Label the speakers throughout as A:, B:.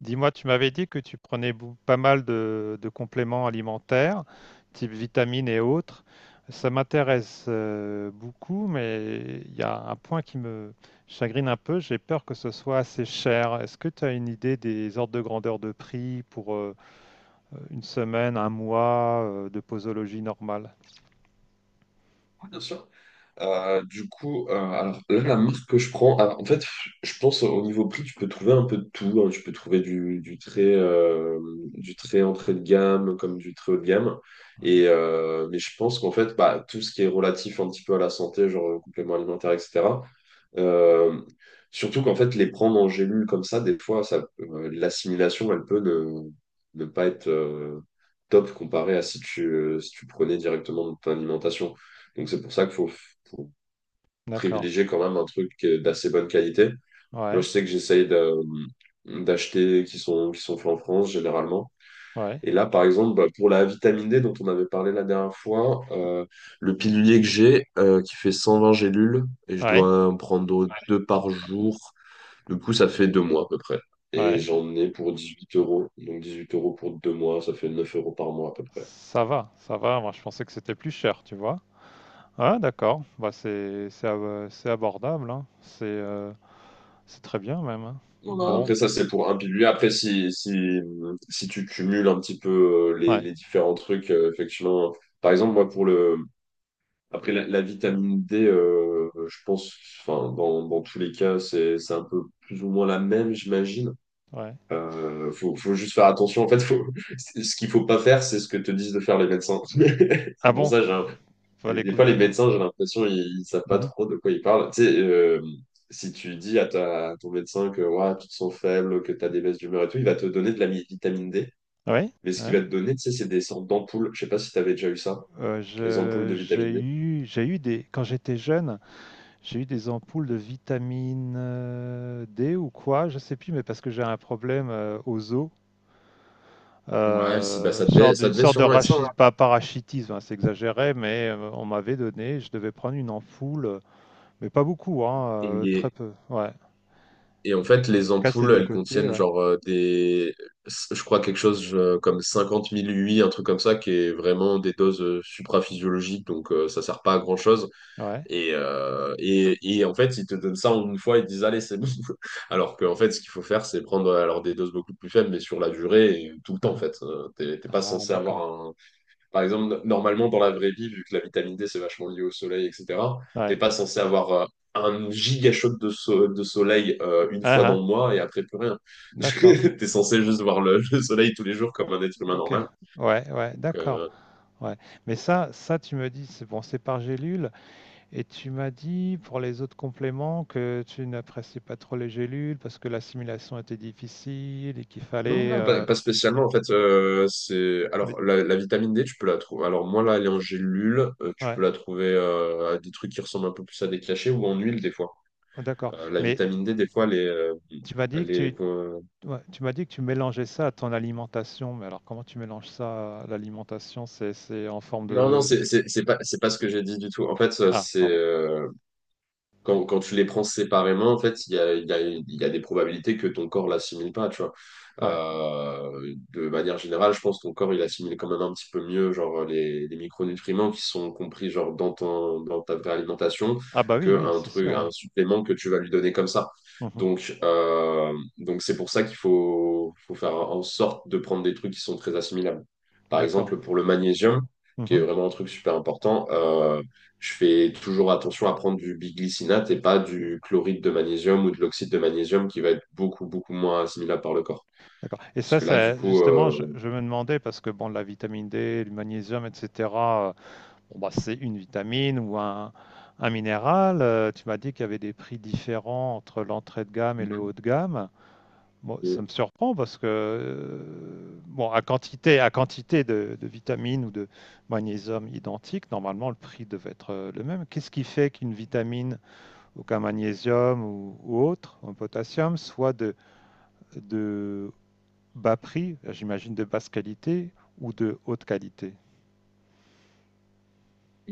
A: Dis-moi, tu m'avais dit que tu prenais pas mal de compléments alimentaires, type vitamines et autres. Ça m'intéresse beaucoup, mais il y a un point qui me chagrine un peu. J'ai peur que ce soit assez cher. Est-ce que tu as une idée des ordres de grandeur de prix pour une semaine, un mois de posologie normale?
B: Ouais, bien sûr. Alors là, la marque que je prends, alors, en fait, je pense au niveau prix, tu peux trouver un peu de tout, hein. Tu peux trouver du très, du très entrée de gamme comme du très haut de gamme.
A: Ouais.
B: Mais je pense qu'en fait, bah, tout ce qui est relatif un petit peu à la santé, genre compléments alimentaires, etc. euh, Surtout qu'en fait, les prendre en gélule comme ça, des fois, ça, l'assimilation, elle peut ne pas être top comparée à si tu, si tu prenais directement dans ton alimentation. Donc c'est pour ça qu'il faut
A: D'accord.
B: privilégier quand même un truc d'assez bonne qualité. Moi,
A: Ouais,
B: je sais que j'essaye d'acheter qui sont faits en France généralement.
A: ouais,
B: Et là, par exemple, bah, pour la vitamine D dont on avait parlé la dernière fois, le pilulier que j'ai qui fait 120 gélules et je
A: ouais,
B: dois en prendre deux par jour. Du coup, ça fait 2 mois à peu près. Et
A: ouais.
B: j'en ai pour 18 euros. Donc 18 € pour 2 mois, ça fait 9 € par mois à peu près.
A: Ça va, ça va. Moi, je pensais que c'était plus cher, tu vois. Ah, d'accord. Bah, c'est abordable, hein. C'est très bien même. Hein.
B: Voilà.
A: Bon,
B: Après, ça, c'est pour un pilier. Après, si tu cumules un petit peu
A: ouais,
B: les différents trucs, effectivement, par exemple, moi, pour le, après, la vitamine D, enfin, dans tous les cas, c'est un peu plus ou moins la même, j'imagine.
A: ouais.
B: Faut juste faire attention. En fait, faut, ce qu'il faut pas faire, c'est ce que te disent de faire les médecins. C'est
A: Ah
B: pour
A: bon,
B: ça,
A: faut
B: des fois,
A: l'écouter.
B: les médecins, j'ai l'impression, ils savent pas
A: Mhm.
B: trop de quoi ils parlent. Tu sais, si tu dis à ton médecin que ouais, tu te sens faible, que tu as des baisses d'humeur et tout, il va te donner de la vitamine D.
A: Oui.
B: Mais ce qu'il
A: Ouais.
B: va te donner, tu sais, c'est des sortes d'ampoules. Je sais pas si tu avais déjà eu ça,
A: Euh,
B: les ampoules
A: je-
B: de
A: j'ai
B: vitamine D.
A: eu j'ai eu des quand j'étais jeune, j'ai eu des ampoules de vitamine D ou quoi, je sais plus, mais parce que j'ai un problème aux os.
B: Ouais, si, bah, ça devait,
A: Sorte
B: ça
A: d'une
B: devait
A: sorte de
B: sûrement être ça, hein.
A: pas parachitisme, hein, c'est exagéré, mais on m'avait donné, je devais prendre une ampoule, mais pas beaucoup, hein, très
B: Et,
A: peu. Ouais.
B: et en
A: Tu
B: fait, les
A: casses les
B: ampoules,
A: 2
B: elles
A: côtés,
B: contiennent
A: ouais.
B: genre je crois quelque chose comme 50 000 UI, un truc comme ça, qui est vraiment des doses supraphysiologiques, donc ça sert pas à grand-chose.
A: Ouais.
B: Et en fait, ils te donnent ça en une fois, ils te disent, allez, c'est bon. Alors qu'en fait, ce qu'il faut faire, c'est prendre alors des doses beaucoup plus faibles, mais sur la durée, et tout le
A: Hein,
B: temps, en
A: hein.
B: fait. T'es pas
A: Ah,
B: censé avoir
A: d'accord.
B: un. Par exemple, normalement, dans la vraie vie, vu que la vitamine D, c'est vachement lié au soleil, etc., t'es
A: Ouais.
B: pas censé avoir un giga shot de soleil une
A: Ah
B: fois dans
A: hein.
B: le mois et après plus rien.
A: D'accord.
B: T'es censé juste voir le soleil tous les jours comme un être humain
A: OK.
B: normal.
A: Ouais, ouais,
B: Donc,
A: d'accord.
B: euh,
A: Ouais. Mais ça tu me dis c'est bon, c'est par gélule et tu m'as dit pour les autres compléments que tu n'appréciais pas trop les gélules parce que l'assimilation était difficile et qu'il
B: Non,
A: fallait,
B: non, pas, pas spécialement. En fait, c'est
A: mais
B: alors la vitamine D, tu peux la trouver. Alors moi là, elle est en gélule. Tu peux
A: ouais,
B: la trouver à des trucs qui ressemblent un peu plus à des cachets ou en huile des fois.
A: d'accord.
B: La
A: Mais
B: vitamine D, des fois,
A: tu m'as dit
B: elle
A: que tu
B: est.
A: ouais, tu m'as dit que tu mélangeais ça à ton alimentation, mais alors comment tu mélanges ça à l'alimentation? C'est en forme
B: Non, non,
A: de,
B: c'est pas ce que j'ai dit du tout. En fait,
A: ah,
B: c'est
A: pardon.
B: Quand, Quand tu les prends séparément, en fait, il y a des probabilités que ton corps l'assimile pas, tu vois.
A: Ouais.
B: De manière générale, je pense que ton corps, il assimile quand même un petit peu mieux, genre, les micronutriments qui sont compris, genre, dans ta vraie alimentation,
A: Ah bah oui, oui,
B: qu'un
A: c'est
B: truc,
A: sûr, hein.
B: un supplément que tu vas lui donner comme ça.
A: Mmh.
B: Donc, euh, donc c'est pour ça qu'il faut faire en sorte de prendre des trucs qui sont très assimilables. Par
A: D'accord.
B: exemple, pour le magnésium, qui est
A: Mmh.
B: vraiment un truc super important. Je fais toujours attention à prendre du biglycinate et pas du chloride de magnésium ou de l'oxyde de magnésium qui va être beaucoup moins assimilable par le corps.
A: D'accord, et
B: Parce
A: ça
B: que là, du
A: ça
B: coup,
A: justement, je me demandais parce que bon, la vitamine D, le magnésium et cetera, bon, bah, c'est une vitamine ou un minéral, tu m'as dit qu'il y avait des prix différents entre l'entrée de gamme et le haut de gamme. Bon, ça me
B: Mhm.
A: surprend parce que, bon, à quantité de vitamines ou de magnésium identiques, normalement, le prix devait être, le même. Qu'est-ce qui fait qu'une vitamine donc un magnésium ou autre, un potassium, soit de bas prix, j'imagine de basse qualité, ou de haute qualité.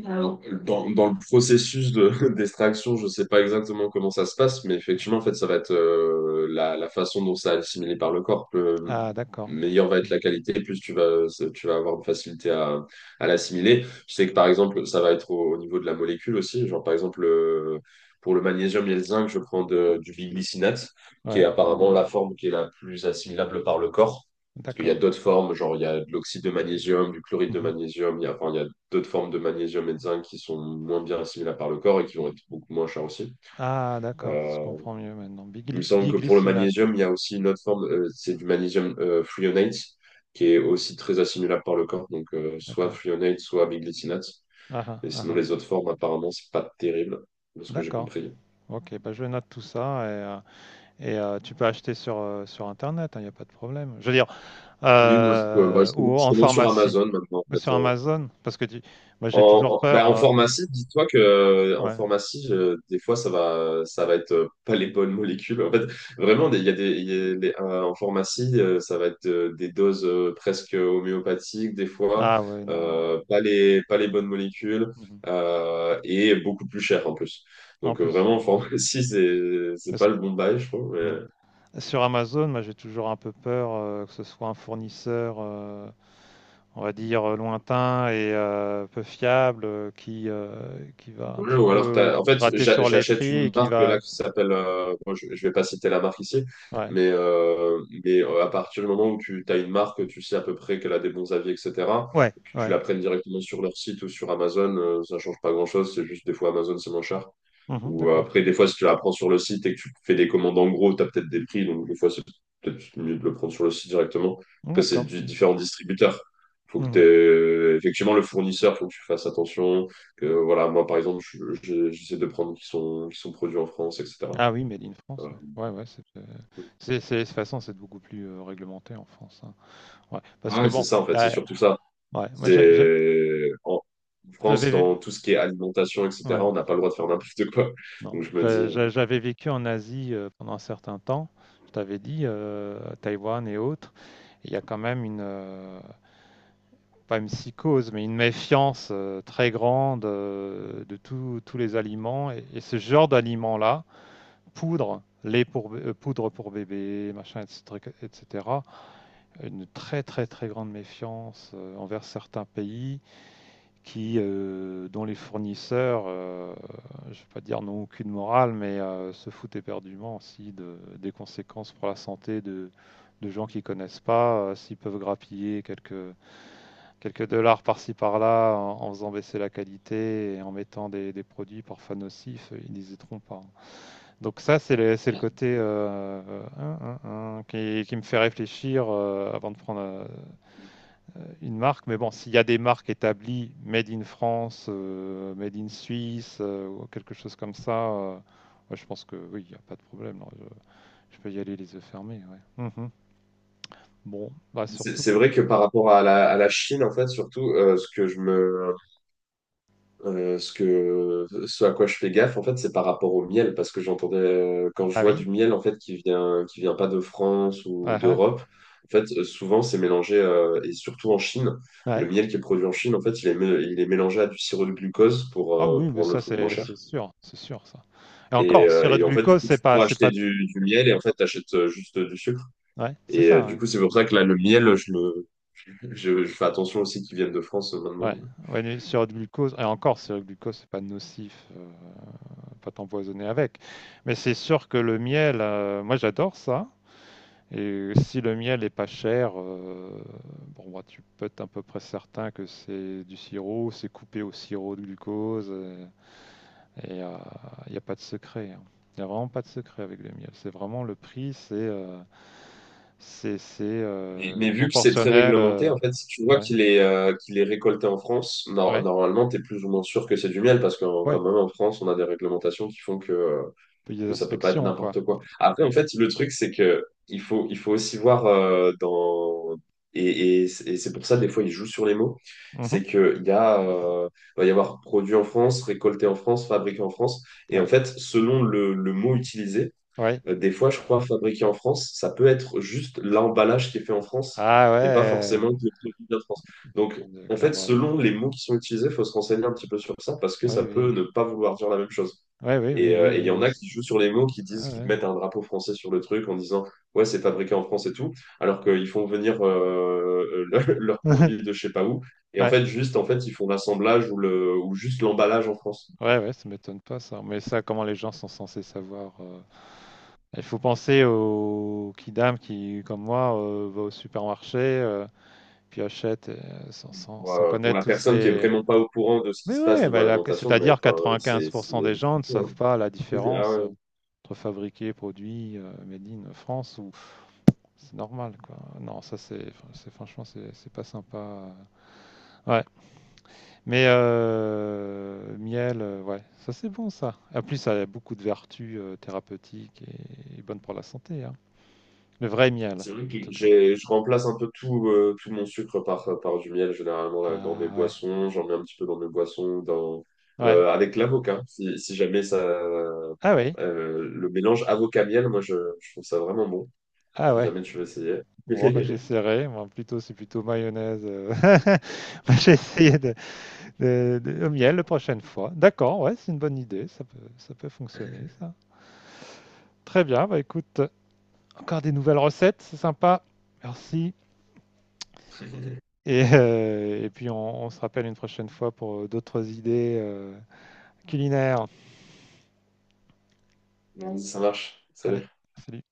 B: Alors, dans, dans le processus de d'extraction, je ne sais pas exactement comment ça se passe, mais effectivement, en fait, ça va être la façon dont ça est assimilé par le corps. Le
A: Ah, d'accord.
B: meilleure va être la qualité, plus tu vas avoir de facilité à l'assimiler. Je sais que, par exemple, ça va être au niveau de la molécule aussi. Genre, par exemple, pour le magnésium et le zinc, je prends du biglycinate, qui est
A: Ouais,
B: apparemment la forme qui est la plus assimilable par le corps. Parce qu'il y a
A: d'accord.
B: d'autres formes, genre il y a de l'oxyde de magnésium, du chloride de
A: Mhm.
B: magnésium, il y a d'autres formes de magnésium et de zinc qui sont moins bien assimilables par le corps et qui vont être beaucoup moins chers aussi.
A: Ah, d'accord, je
B: Euh,
A: comprends mieux maintenant.
B: il me semble que pour le
A: Biglycinate,
B: magnésium, il y a aussi une autre forme, c'est du magnésium threonate, qui est aussi très assimilable par le corps, donc soit
A: d'accord.
B: threonate, soit biglycinate.
A: Ah, ah,
B: Et
A: ah,
B: sinon,
A: ah.
B: les autres formes, apparemment, c'est pas terrible, de ce que j'ai
A: D'accord.
B: compris.
A: OK, bah je note tout ça et, euh, et tu peux acheter sur Internet, il n'y a pas de problème. Je veux dire,
B: Oui, moi, je, peux- bah, je commande
A: ou
B: je
A: en
B: commande sur
A: pharmacie,
B: Amazon maintenant, en
A: ou sur
B: fait.
A: Amazon, parce que moi j'ai
B: En,
A: toujours
B: en-
A: peur.
B: bah, en
A: euh,
B: pharmacie, dis-toi que
A: ouais.
B: des fois, ça va être pas les bonnes molécules. En fait, vraiment, des- il y a des, il y a des- en pharmacie, ça va être des doses presque homéopathiques, des fois,
A: Ah ouais, non. il-
B: pas les bonnes molécules,
A: mhm.
B: et beaucoup plus cher en plus.
A: En plus,
B: Vraiment, en pharmacie, c'est
A: parce
B: pas
A: que-
B: le bon bail, je trouve.
A: mhm. Sur Amazon, moi j'ai toujours un peu peur que ce soit un fournisseur, on va dire, lointain et peu fiable, qui va un
B: Ouais,
A: petit
B: ou alors,
A: peu gratter sur les
B: j'achète
A: prix et
B: une
A: qui
B: marque
A: va...
B: là qui s'appelle, je vais pas citer la marque ici,
A: Ouais,
B: mais à partir du moment où tu as une marque, tu sais à peu près qu'elle a des bons avis, etc.
A: ouais,
B: Que tu
A: ouais.
B: la prennes directement sur leur site ou sur Amazon, ça change pas grand-chose, c'est juste des fois Amazon c'est moins cher.
A: Mhm, d'accord,
B: Des fois, si tu l'apprends sur le site et que tu fais des commandes en gros, tu as peut-être des prix. Donc, des fois, c'est peut-être mieux de le prendre sur le site directement. Après, c'est
A: d'accord.
B: du différents distributeurs.
A: Mhm.
B: Effectivement, le fournisseur, faut que tu fasses attention. Que, voilà, moi, par exemple, j'essaie de prendre qui sont produits en France, etc.
A: Ah oui, Made in France,
B: Voilà.
A: ouais. Ouais, ouais, de toute façon, c'est beaucoup plus réglementé en France. Hein. Ouais, parce que
B: Ouais, c'est
A: bon,
B: ça, en
A: y
B: fait. C'est
A: a-
B: surtout ça.
A: ouais, moi
B: C'est, en France,
A: j'avais vu...
B: dans tout ce qui est alimentation,
A: Ouais.
B: etc., on n'a pas le droit de faire n'importe quoi.
A: Non,
B: Donc, je me dis,
A: j'avais vécu en Asie pendant un certain temps, je t'avais dit, à Taïwan et autres, et il y a quand même une, pas une psychose, mais une méfiance très grande de tous les aliments, et ce genre d'aliments-là, poudre, lait pour, poudre pour bébé, machin, etc., etc., une très très très grande méfiance envers certains pays, qui, dont les fournisseurs, je ne vais pas dire n'ont aucune morale, mais se foutent éperdument aussi de, des conséquences pour la santé de gens qui ne connaissent pas, s'ils peuvent grappiller quelques dollars par-ci par-là en faisant baisser la qualité et en mettant des produits parfois nocifs, ils n'hésiteront pas. Donc ça, c'est le, côté hein, hein, hein, qui me fait réfléchir avant de prendre une marque, mais bon, s'il y a des marques établies, Made in France, Made in Suisse, ou quelque chose comme ça, ouais, je pense que oui, il n'y a pas de problème. Là, je peux y aller les yeux fermés. Ouais. Mhm. Bon, bah
B: c'est
A: surtout
B: c'est
A: que...
B: vrai que par rapport à à la Chine, en fait, surtout, ce que, ce à quoi je fais gaffe, en fait, c'est par rapport au miel, parce que j'entendais, quand je
A: Ah
B: vois
A: oui?
B: du miel, en fait, qui vient pas de France ou
A: Ah ah,
B: d'Europe, en fait, souvent, c'est mélangé, et surtout en Chine, le
A: ouais.
B: miel qui est produit en Chine, en fait, il est, il est mélangé à du sirop de glucose
A: Ah oui,
B: pour
A: mais
B: rendre le
A: ça
B: truc moins
A: c'est
B: cher.
A: sûr, c'est sûr ça. Et
B: Et,
A: encore,
B: euh,
A: sirop de
B: et en fait, du
A: glucose,
B: coup,
A: c'est
B: tu
A: pas,
B: pourras
A: c'est
B: acheter
A: pas.
B: du miel et en fait, t'achètes juste du sucre.
A: Ouais, c'est
B: Du
A: ça.
B: coup, c'est pour ça que là, le miel, je fais attention aussi qu'il vienne de France
A: Ouais. Ouais,
B: maintenant.
A: ouais, mais sirop de glucose, et encore, sirop de glucose, c'est pas nocif, pas t'empoisonner avec. Mais c'est sûr que le miel, moi j'adore ça. Et si le miel est pas cher, bon, bah, tu peux être à peu près certain que c'est du sirop, c'est coupé au sirop de glucose. Et il n'y a pas de secret. Il n'y a vraiment pas de secret avec le miel. C'est vraiment le prix, c'est euh, c'est c'est,
B: Mais,
A: euh,
B: mais vu que c'est très
A: proportionnel.
B: réglementé,
A: euh,
B: en fait, si tu vois
A: ouais,
B: qu'il est récolté en France,
A: ouais,
B: normalement, tu es plus ou moins sûr que c'est du miel, parce que quand
A: ouais.
B: même en France, on a des réglementations qui font
A: Puis des
B: que ça peut pas être
A: inspections, quoi.
B: n'importe quoi. Après, en fait, le truc, c'est que il faut aussi voir dans. Et c'est pour ça, des fois, ils jouent sur les mots.
A: Mhm.
B: C'est qu'il y a, il va y avoir produit en France, récolté en France, fabriqué en France. Et en
A: Ouais,
B: fait, selon le mot utilisé,
A: ouais.
B: des fois, je crois, fabriqué en France, ça peut être juste l'emballage qui est fait en France,
A: Ah
B: mais pas
A: ouais.
B: forcément que le produit vient de France. Donc, en fait,
A: D'accord. euh,
B: selon les mots qui sont utilisés, il faut se renseigner un petit peu sur ça parce que ça
A: oui,
B: peut
A: oui.
B: ne pas vouloir dire la même chose.
A: Ouais, oui, oui,
B: Et
A: oui,
B: euh, et il y
A: oui,
B: en a
A: oui.
B: qui jouent sur les mots, qui disent,
A: Ah
B: qui te
A: ouais.
B: mettent un drapeau français sur le truc en disant, ouais, c'est fabriqué en France et tout, alors qu'ils font venir leurs produits de je sais pas où. Et en
A: Ouais.
B: fait, juste, en fait, ils font l'assemblage ou, juste l'emballage en France.
A: Ouais, ouais, ça m'étonne pas ça. Mais ça, comment les gens sont censés savoir. Il faut penser aux kidam qui, comme moi, va au supermarché, puis achète sans, sans-
B: Pour,
A: sans
B: pour
A: connaître
B: la
A: tous
B: personne qui est
A: ces...
B: vraiment pas au courant de ce qui
A: Mais
B: se passe
A: ouais,
B: niveau
A: bah,
B: alimentation, mais
A: c'est-à-dire
B: enfin, c'est
A: 95%
B: c'est
A: des gens ne
B: fou, hein.
A: savent pas la
B: C'est ah
A: différence
B: ouais.
A: entre fabriqué, produit, made in France, ou c'est normal, quoi. Non, ça, c'est enfin, franchement, c'est pas sympa. Ouais, mais miel, ouais, ça c'est bon ça. En plus, ça a beaucoup de vertus thérapeutiques et bonnes pour la santé. Hein. Le vrai miel,
B: C'est vrai
A: en
B: que
A: tout cas.
B: j'ai je remplace un peu tout tout mon sucre par du miel généralement là, dans mes
A: Ah ouais,
B: boissons, j'en mets un petit peu dans mes boissons, dans
A: ouais.
B: avec l'avocat. Si jamais ça
A: Ah oui,
B: le mélange avocat miel, je trouve ça vraiment bon.
A: ah
B: Si
A: ouais.
B: jamais tu veux essayer,
A: Bon, bah, j'essaierai. Moi, plutôt, c'est plutôt mayonnaise. Moi, j'ai essayé de, au miel la prochaine fois. D'accord, ouais, c'est une bonne idée. ça peut, fonctionner, ça. Très bien. Bah écoute, encore des nouvelles recettes, c'est sympa. Merci. Et puis on se rappelle une prochaine fois pour d'autres idées culinaires.
B: ça marche.
A: Allez,
B: Salut.
A: salut.